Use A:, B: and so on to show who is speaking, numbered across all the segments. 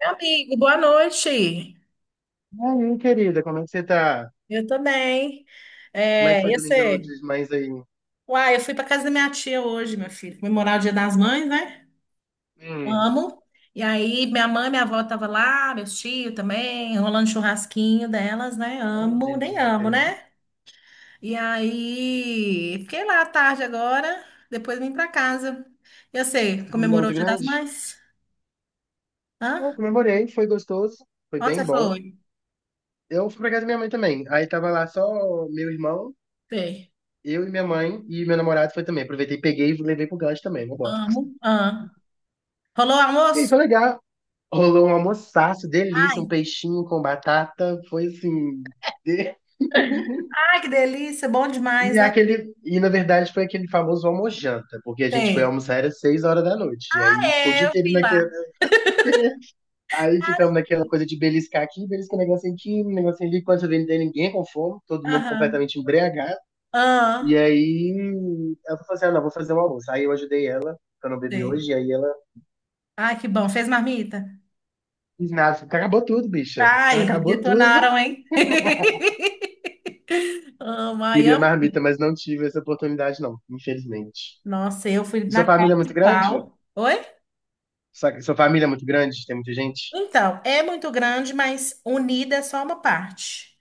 A: Meu amigo, boa noite.
B: E aí, querida, como é que você tá?
A: Eu também.
B: Como é que
A: É,
B: foi
A: e
B: Domingão
A: você?
B: dos Mães aí?
A: Uai, eu fui para casa da minha tia hoje, meu filho, comemorar o Dia das Mães, né?
B: Hum,
A: Amo. E aí, minha mãe, minha avó tava lá, meus tios também, rolando churrasquinho delas, né?
B: oh,
A: Amo, nem amo,
B: delícia.
A: né? E aí, fiquei lá à tarde agora, depois vim para casa. E você,
B: Um Domingão
A: comemorou o
B: muito
A: Dia das
B: grande?
A: Mães?
B: Bom,
A: Hã?
B: comemorei, foi gostoso, foi
A: Onde você
B: bem bom.
A: foi?
B: Eu fui pra casa da minha mãe também. Aí tava lá só meu irmão,
A: Sei.
B: eu e minha mãe, e meu namorado foi também. Aproveitei, peguei e levei pro gancho também, não gosto.
A: Amo. Hã? Rolou
B: E aí,
A: almoço?
B: foi legal. Rolou um almoçaço,
A: Ai,
B: delícia, um peixinho com batata, foi assim.
A: ai, que delícia, bom demais,
B: E
A: né?
B: aquele, e na verdade foi aquele famoso almojanta, porque a gente foi
A: Tem.
B: almoçar às 6 horas da noite. E aí ficou o
A: É,
B: dia
A: eu
B: inteiro.
A: vi lá.
B: Aí ficamos naquela coisa de beliscar aqui, beliscar um negocinho aqui, um negocinho ali, quando eu vê, não tem ninguém com fome, todo mundo
A: Aham.
B: completamente embriagado. E
A: ah,
B: aí ela falou assim: ah, não, vou fazer um almoço. Aí eu ajudei ela, que eu não bebi
A: Tem.
B: hoje, e aí ela
A: Ai, que bom. Fez marmita?
B: disse, nossa, acabou tudo, bicha.
A: Ai,
B: Acabou tudo.
A: detonaram, hein? Amo, ai,
B: Queria
A: amo.
B: marmita, mas não tive essa oportunidade, não, infelizmente.
A: Nossa, eu fui
B: E sua
A: na cara
B: família é
A: de
B: muito grande?
A: pau. Oi?
B: Sua família é muito grande? Tem muita gente?
A: Então, é muito grande, mas unida é só uma parte.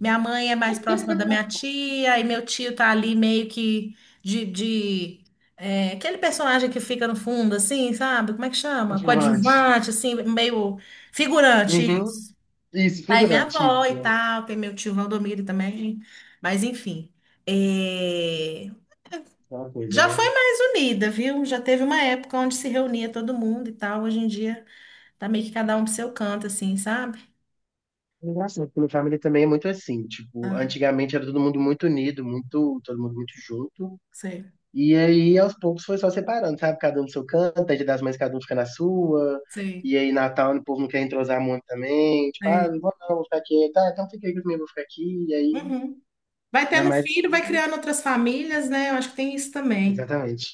A: Minha mãe é mais próxima da minha tia, e meu tio tá ali meio que de é, aquele personagem que fica no fundo, assim, sabe? Como é que chama?
B: Figurante.
A: Coadjuvante, assim, meio figurante,
B: Uhum.
A: isso.
B: Isso,
A: Aí minha
B: figurante, isso.
A: avó e tal, tem meu tio Valdomiro também, mas enfim. É,
B: Aquela coisa,
A: Já
B: né?
A: foi mais unida, viu? Já teve uma época onde se reunia todo mundo e tal. Hoje em dia tá meio que cada um pro seu canto, assim, sabe?
B: Engraçado, porque no Family também é muito assim, tipo,
A: Ah,
B: antigamente era todo mundo muito unido, muito, todo mundo muito junto,
A: sei,
B: e aí aos poucos foi só separando, sabe? Cada um no seu canto, aí Dia das Mães cada um fica na sua,
A: sei,
B: e aí Natal o povo não quer entrosar muito também, tipo, ah,
A: sei.
B: não vou não, vou ficar aqui, tá, então fica aí comigo, eu vou ficar aqui, e aí
A: Uhum. Vai
B: é
A: tendo
B: mais,
A: filho, vai criando outras famílias, né? Eu acho que tem isso também.
B: exatamente,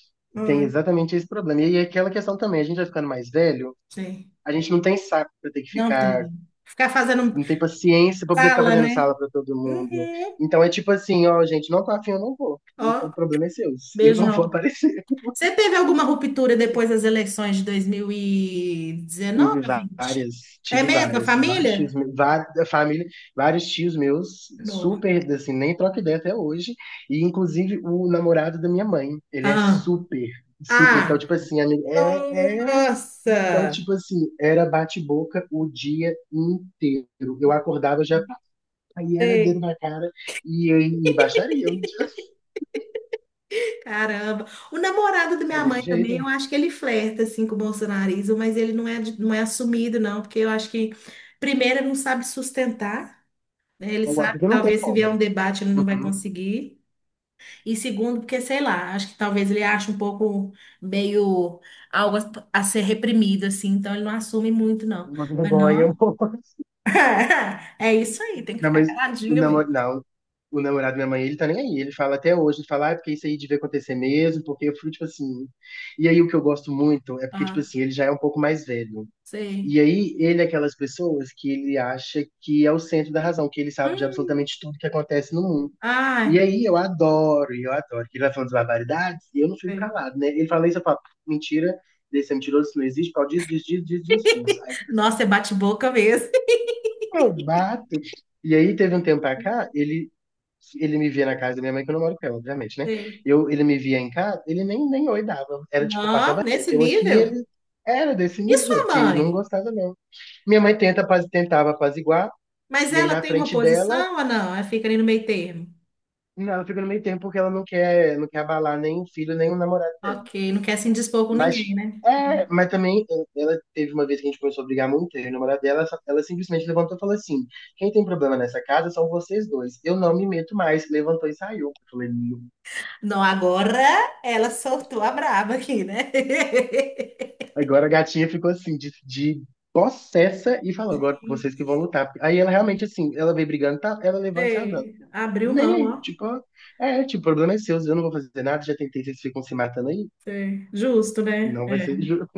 B: tem
A: Hum,
B: exatamente esse problema, e aí aquela questão também, a gente vai ficando mais velho,
A: sei.
B: a gente não tem saco pra ter que
A: Não
B: ficar,
A: tem. Ficar fazendo
B: não tem paciência pra poder ficar
A: sala,
B: fazendo
A: né?
B: sala pra todo mundo.
A: Uhum.
B: Então é tipo assim, ó, gente, não tô afim, eu não vou.
A: Ó,
B: O problema é seu, eu não vou
A: beijão.
B: aparecer.
A: Você teve alguma ruptura depois das eleições de 2019
B: Tive
A: ou 20?
B: várias,
A: É
B: tive
A: mesmo, a
B: várias, vários tios
A: família?
B: meus, várias, família, vários tios meus,
A: Não.
B: super, assim, nem troca ideia até hoje. E inclusive o namorado da minha mãe, ele é
A: Ah.
B: super, super. Então,
A: Ah.
B: tipo assim, amigo, é então,
A: Nossa.
B: tipo assim, era bate-boca o dia inteiro. Eu acordava já. Aí era dedo
A: Sei.
B: na cara e, e baixaria.
A: Caramba. O namorado da
B: É
A: minha
B: desse
A: mãe
B: jeito.
A: também, eu acho que ele flerta assim com o bolsonarismo, mas ele não é, não é assumido, não, porque eu acho que primeiro ele não sabe sustentar, né? Ele
B: Agora,
A: sabe que
B: porque não tem
A: talvez se
B: como.
A: vier um debate ele não vai
B: Uhum.
A: conseguir. E segundo, porque sei lá, acho que talvez ele ache um pouco meio algo a ser reprimido assim, então ele não assume muito não.
B: Uma
A: Mas
B: vergonha.
A: não. É isso aí, tem que
B: Não,
A: ficar
B: mas o
A: caladinho mesmo.
B: namorado. Não. O namorado da minha mãe, ele tá nem aí. Ele fala até hoje, ele fala, ah, é porque isso aí devia acontecer mesmo, porque eu fui, tipo assim. E aí o que eu gosto muito é porque, tipo
A: Ah,
B: assim, ele já é um pouco mais velho.
A: sei.
B: E aí, ele é aquelas pessoas que ele acha que é o centro da razão, que ele sabe de
A: Hum,
B: absolutamente tudo que acontece no mundo. E
A: Ai,
B: aí, eu adoro, que ele vai falando de barbaridades e eu não fico
A: sei.
B: calado, né? Ele fala isso, eu falo, mentira, desse é mentiroso, isso não existe, pau, diz, diz, diz, diz, diz, diz. Aí fica assim,
A: Nossa, é bate-boca mesmo.
B: eu bato. E aí, teve um tempo pra cá, ele me via na casa da minha mãe, que eu não moro com ela, obviamente, né?
A: Sei.
B: Eu, ele me via em casa, ele nem, nem oi dava, era tipo,
A: Não,
B: passava
A: nesse
B: reto. Eu aqui,
A: nível.
B: ele era desse
A: E
B: nível,
A: sua
B: porque não
A: mãe?
B: gostava não. Minha mãe tenta, tentava apaziguar,
A: Mas
B: e aí
A: ela
B: na
A: tem uma
B: frente dela,
A: posição ou não? Ela fica ali no meio termo.
B: não, ela fica no meio termo porque ela não quer, não quer abalar nem o filho, nem o namorado dela.
A: Ok, não quer se indispor com
B: Mas,
A: ninguém, né?
B: é, mas também, é, ela teve uma vez que a gente começou a brigar muito, eu e o namorado dela, ela, ela simplesmente levantou e falou assim: quem tem problema nessa casa são vocês dois, eu não me meto mais. Levantou e saiu. Eu falei, "Não."
A: Não, agora ela soltou a braba aqui, né?
B: Agora a gatinha ficou assim, de possessa, e falou: agora vocês que vão lutar. Aí ela realmente, assim, ela veio brigando, tá, ela levanta e sai andando.
A: Gente, abriu
B: Nem
A: mão,
B: aí,
A: ó.
B: tipo, é, tipo, o problema é seu, eu não vou fazer nada, já tentei, vocês ficam se matando aí,
A: Sei. Justo, né?
B: não vai
A: É.
B: ser jogo.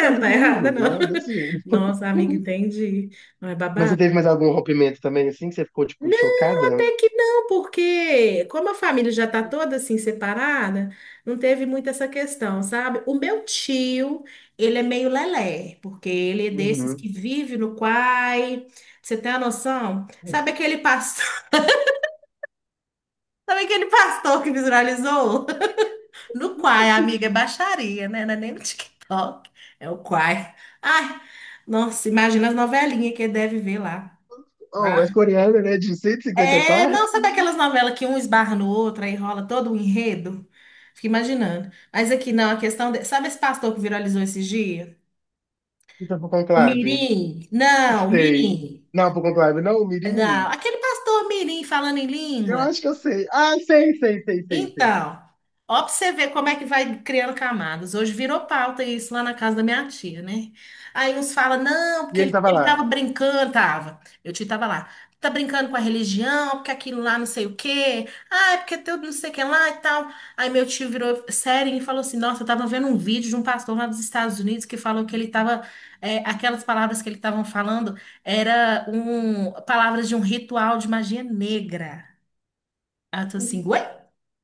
B: Não, mas
A: Não
B: eu
A: tá
B: também não
A: errada,
B: julgo,
A: não.
B: né? Desse jeito.
A: Nossa, amiga, entendi. Não é
B: Mas você
A: babado?
B: teve mais algum rompimento também, assim, que você ficou, tipo, chocada?
A: Até que não, porque como a família já está toda assim separada, não teve muito essa questão, sabe? O meu tio, ele é meio lelé, porque ele é desses que
B: Uhum.
A: vive no quai. Pra Você tem a noção? Sabe aquele pastor, sabe aquele pastor que visualizou? No quai, amiga, é baixaria, né? Não é nem no TikTok, é o quai. Ai, nossa, imagina as novelinhas que ele deve ver lá.
B: Oh, é coreana, né? De 150
A: É, não,
B: partes?
A: sabe aquelas novelas que um esbarra no outro, aí rola todo o enredo? Fico imaginando. Mas aqui não, a questão. Sabe esse pastor que viralizou esses dias?
B: Então, pro
A: O
B: conclave.
A: Mirim? Não, o
B: Sei.
A: Mirim.
B: Não, pro conclave, não, o Mirim?
A: Não, aquele pastor Mirim falando em
B: Eu
A: língua.
B: acho que eu sei. Ah, sei, sei, sei, sei, sei.
A: Então, ó, pra você ver como é que vai criando camadas. Hoje virou pauta isso lá na casa da minha tia, né? Aí uns falam, não,
B: E
A: porque
B: ele
A: ele,
B: tava
A: ele tava
B: lá.
A: brincando, tava. Meu tio tava lá. Tá brincando com a religião, porque aquilo lá não sei o quê. Ah, é porque tudo não sei o que lá e tal. Aí meu tio virou sério e falou assim: Nossa, eu tava vendo um vídeo de um pastor lá dos Estados Unidos que falou que ele tava. É, aquelas palavras que ele estavam falando era um, palavras de um ritual de magia negra. Aí tô assim, ué?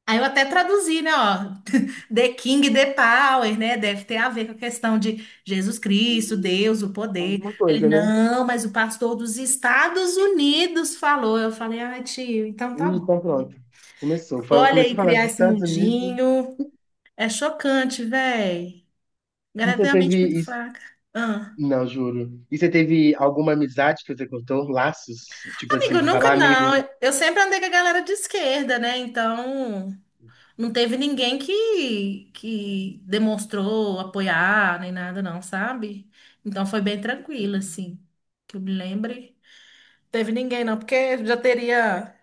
A: Aí eu até traduzi, né, ó, The King, The Power, né, deve ter a ver com a questão de Jesus Cristo, Deus, o poder.
B: Alguma
A: Ele,
B: coisa, né?
A: não, mas o pastor dos Estados Unidos falou. Eu falei, ah, tio, então tá bom.
B: Então, pronto. Começou.
A: Olha
B: Começou
A: aí,
B: a falar dos
A: criar esse
B: Estados Unidos.
A: mundinho. É chocante, véi.
B: E
A: Galera
B: você
A: tem a mente muito
B: teve.
A: fraca. Ah.
B: Não, juro. E você teve alguma amizade que você cortou? Laços? Tipo assim,
A: Amigo,
B: você
A: nunca
B: fala, "Ah,
A: não.
B: amigo,
A: Eu sempre andei com a galera de esquerda, né, então... Não teve ninguém que demonstrou apoiar nem nada, não, sabe? Então foi bem tranquilo, assim, que eu me lembre. Teve ninguém, não, porque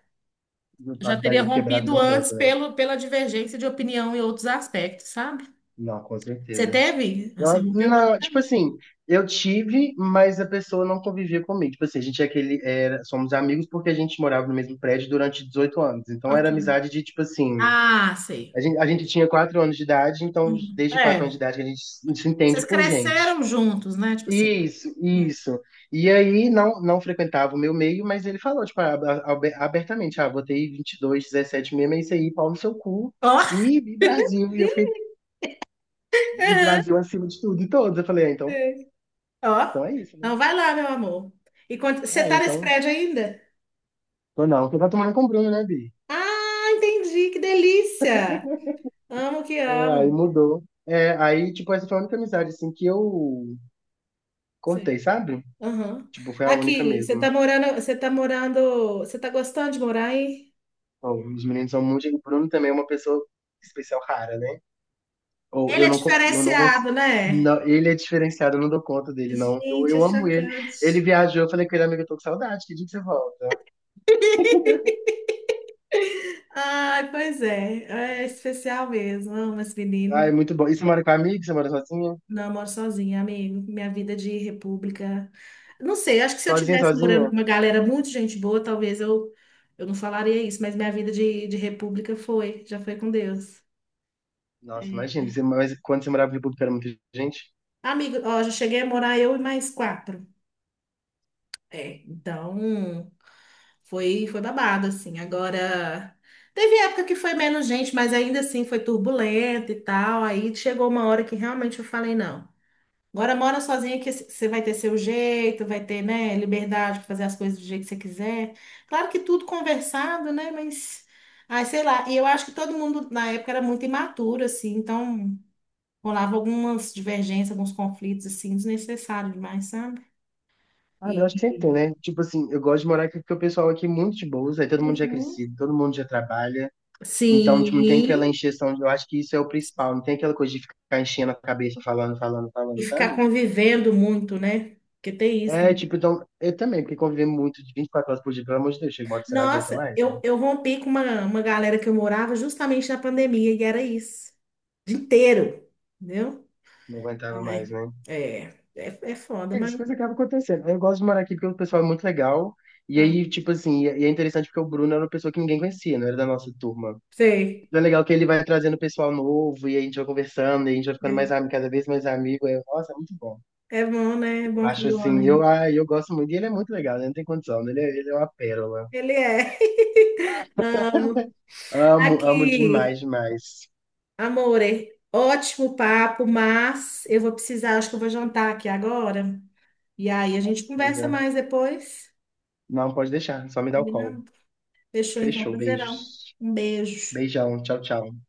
B: eu
A: já teria
B: estarei quebrado há
A: rompido
B: muito
A: antes
B: tempo, né?"
A: pelo, pela divergência de opinião e outros aspectos, sabe?
B: Não, com
A: Você
B: certeza.
A: teve? Ah,
B: Eu,
A: você rompeu com a
B: não, tipo
A: amizade?
B: assim, eu tive, mas a pessoa não convivia comigo. Tipo assim, a gente é aquele, era, somos amigos porque a gente morava no mesmo prédio durante 18 anos. Então era
A: Ok.
B: amizade de, tipo assim,
A: Ah,
B: a
A: sei.
B: gente, a gente tinha 4 anos de idade, então
A: Hum.
B: desde 4 anos de
A: É.
B: idade que a gente se entende
A: Vocês
B: por gente.
A: cresceram juntos, né? Tipo assim.
B: Isso, isso. E aí não, não frequentava o meu meio, mas ele falou, tipo, abertamente, ah, botei 22 17 mesmo, é isso aí, pau no seu cu.
A: Ó.
B: E Brasil, e eu
A: Ih,
B: fiquei, e
A: aham,
B: Brasil acima de tudo e todos. Eu falei, ah, então,
A: sei. Ó.
B: então é isso, né?
A: Então vai lá, meu amor. E quando... você
B: É,
A: tá nesse
B: então,
A: prédio ainda?
B: tô não, você tá tomando com o Bruno, né, Bi?
A: Ah, entendi, que delícia! Amo que
B: É, aí
A: amo.
B: mudou. É, aí, tipo, essa foi a única amizade, assim, que eu cortei,
A: Sei.
B: sabe?
A: Aham.
B: Tipo, foi a única
A: Aqui, você tá
B: mesmo.
A: morando, você tá morando, você tá gostando de morar aí?
B: Ó, os meninos são muito, o Bruno também é uma pessoa especial rara, né? Ou
A: Ele
B: eu
A: é
B: não, eu não consigo.
A: diferenciado, né?
B: Não, ele é diferenciado, eu não dou conta dele, não. Eu,
A: Gente, é
B: eu amo ele. Ele
A: chocante.
B: viajou, eu falei com ele, amigo, eu tô com saudade, que dia que você volta?
A: Ai, pois é, é especial mesmo. Amo esse
B: Ah, é
A: menino.
B: muito bom. E você mora com amigo? Você mora sozinha?
A: Não, eu moro sozinha, amigo. Minha vida de república. Não sei, acho que se eu
B: Sozinha,
A: estivesse morando com
B: sozinha?
A: uma galera muito gente boa, talvez eu não falaria isso, mas minha vida de república foi, já foi com Deus.
B: Nossa, imagina, você, mas quando você morava em República era muita gente?
A: Amigo, ó, já cheguei a morar eu e mais quatro. É, então foi, foi babado, assim. Agora, teve época que foi menos gente, mas ainda assim foi turbulento e tal. Aí chegou uma hora que realmente eu falei, não. Agora mora sozinha que você vai ter seu jeito, vai ter, né, liberdade para fazer as coisas do jeito que você quiser. Claro que tudo conversado, né, mas... ai, sei lá, e eu acho que todo mundo na época era muito imaturo, assim, então rolava algumas divergências, alguns conflitos, assim, desnecessários demais, sabe?
B: Ah, eu acho que sempre
A: E
B: tem, né? Tipo assim, eu gosto de morar aqui porque o pessoal aqui é muito de boas, aí todo mundo já é
A: Uhum.
B: crescido, todo mundo já trabalha. Então,
A: sim,
B: tipo, não tem aquela encheção, eu acho que isso é o principal, não tem aquela coisa de ficar enchendo a cabeça, falando, falando,
A: e
B: falando,
A: ficar
B: sabe?
A: convivendo muito, né? Porque tem isso
B: É,
A: também.
B: tipo, então, eu também, porque conviver muito de 24 horas por dia, pelo amor de Deus, chega uma hora que você não aguenta
A: Nossa,
B: mais,
A: eu,
B: mano.
A: eu rompi com uma galera que eu morava justamente na pandemia, e era isso. O dia inteiro, entendeu?
B: Não aguentava mais,
A: Ai,
B: né?
A: é, é, é foda,
B: É isso,
A: mas.
B: coisa acaba acontecendo. Eu gosto de morar aqui porque o pessoal é muito legal. E
A: Ah,
B: aí, tipo assim, e é interessante porque o Bruno era uma pessoa que ninguém conhecia, não era da nossa turma.
A: sei,
B: Então é legal que ele vai trazendo pessoal novo, e a gente vai conversando, e a gente vai ficando mais
A: sei.
B: amigo, cada vez mais amigo. É, nossa, é muito bom.
A: É bom, né? É
B: Eu
A: bom
B: acho
A: quando o
B: assim, eu,
A: homem.
B: ah, eu gosto muito, e ele é muito legal, né? Não tem condição, né? Ele é uma pérola.
A: Ele é. Amo.
B: Amo, amo demais,
A: Aqui,
B: demais.
A: amore, ótimo papo, mas eu vou precisar, acho que eu vou jantar aqui agora. E aí a gente conversa
B: Diga.
A: mais depois.
B: Não, pode deixar, só me dá o call.
A: Combinado? Fechou então,
B: Fechou,
A: prazerão.
B: beijos.
A: Um beijo.
B: Beijão, tchau, tchau.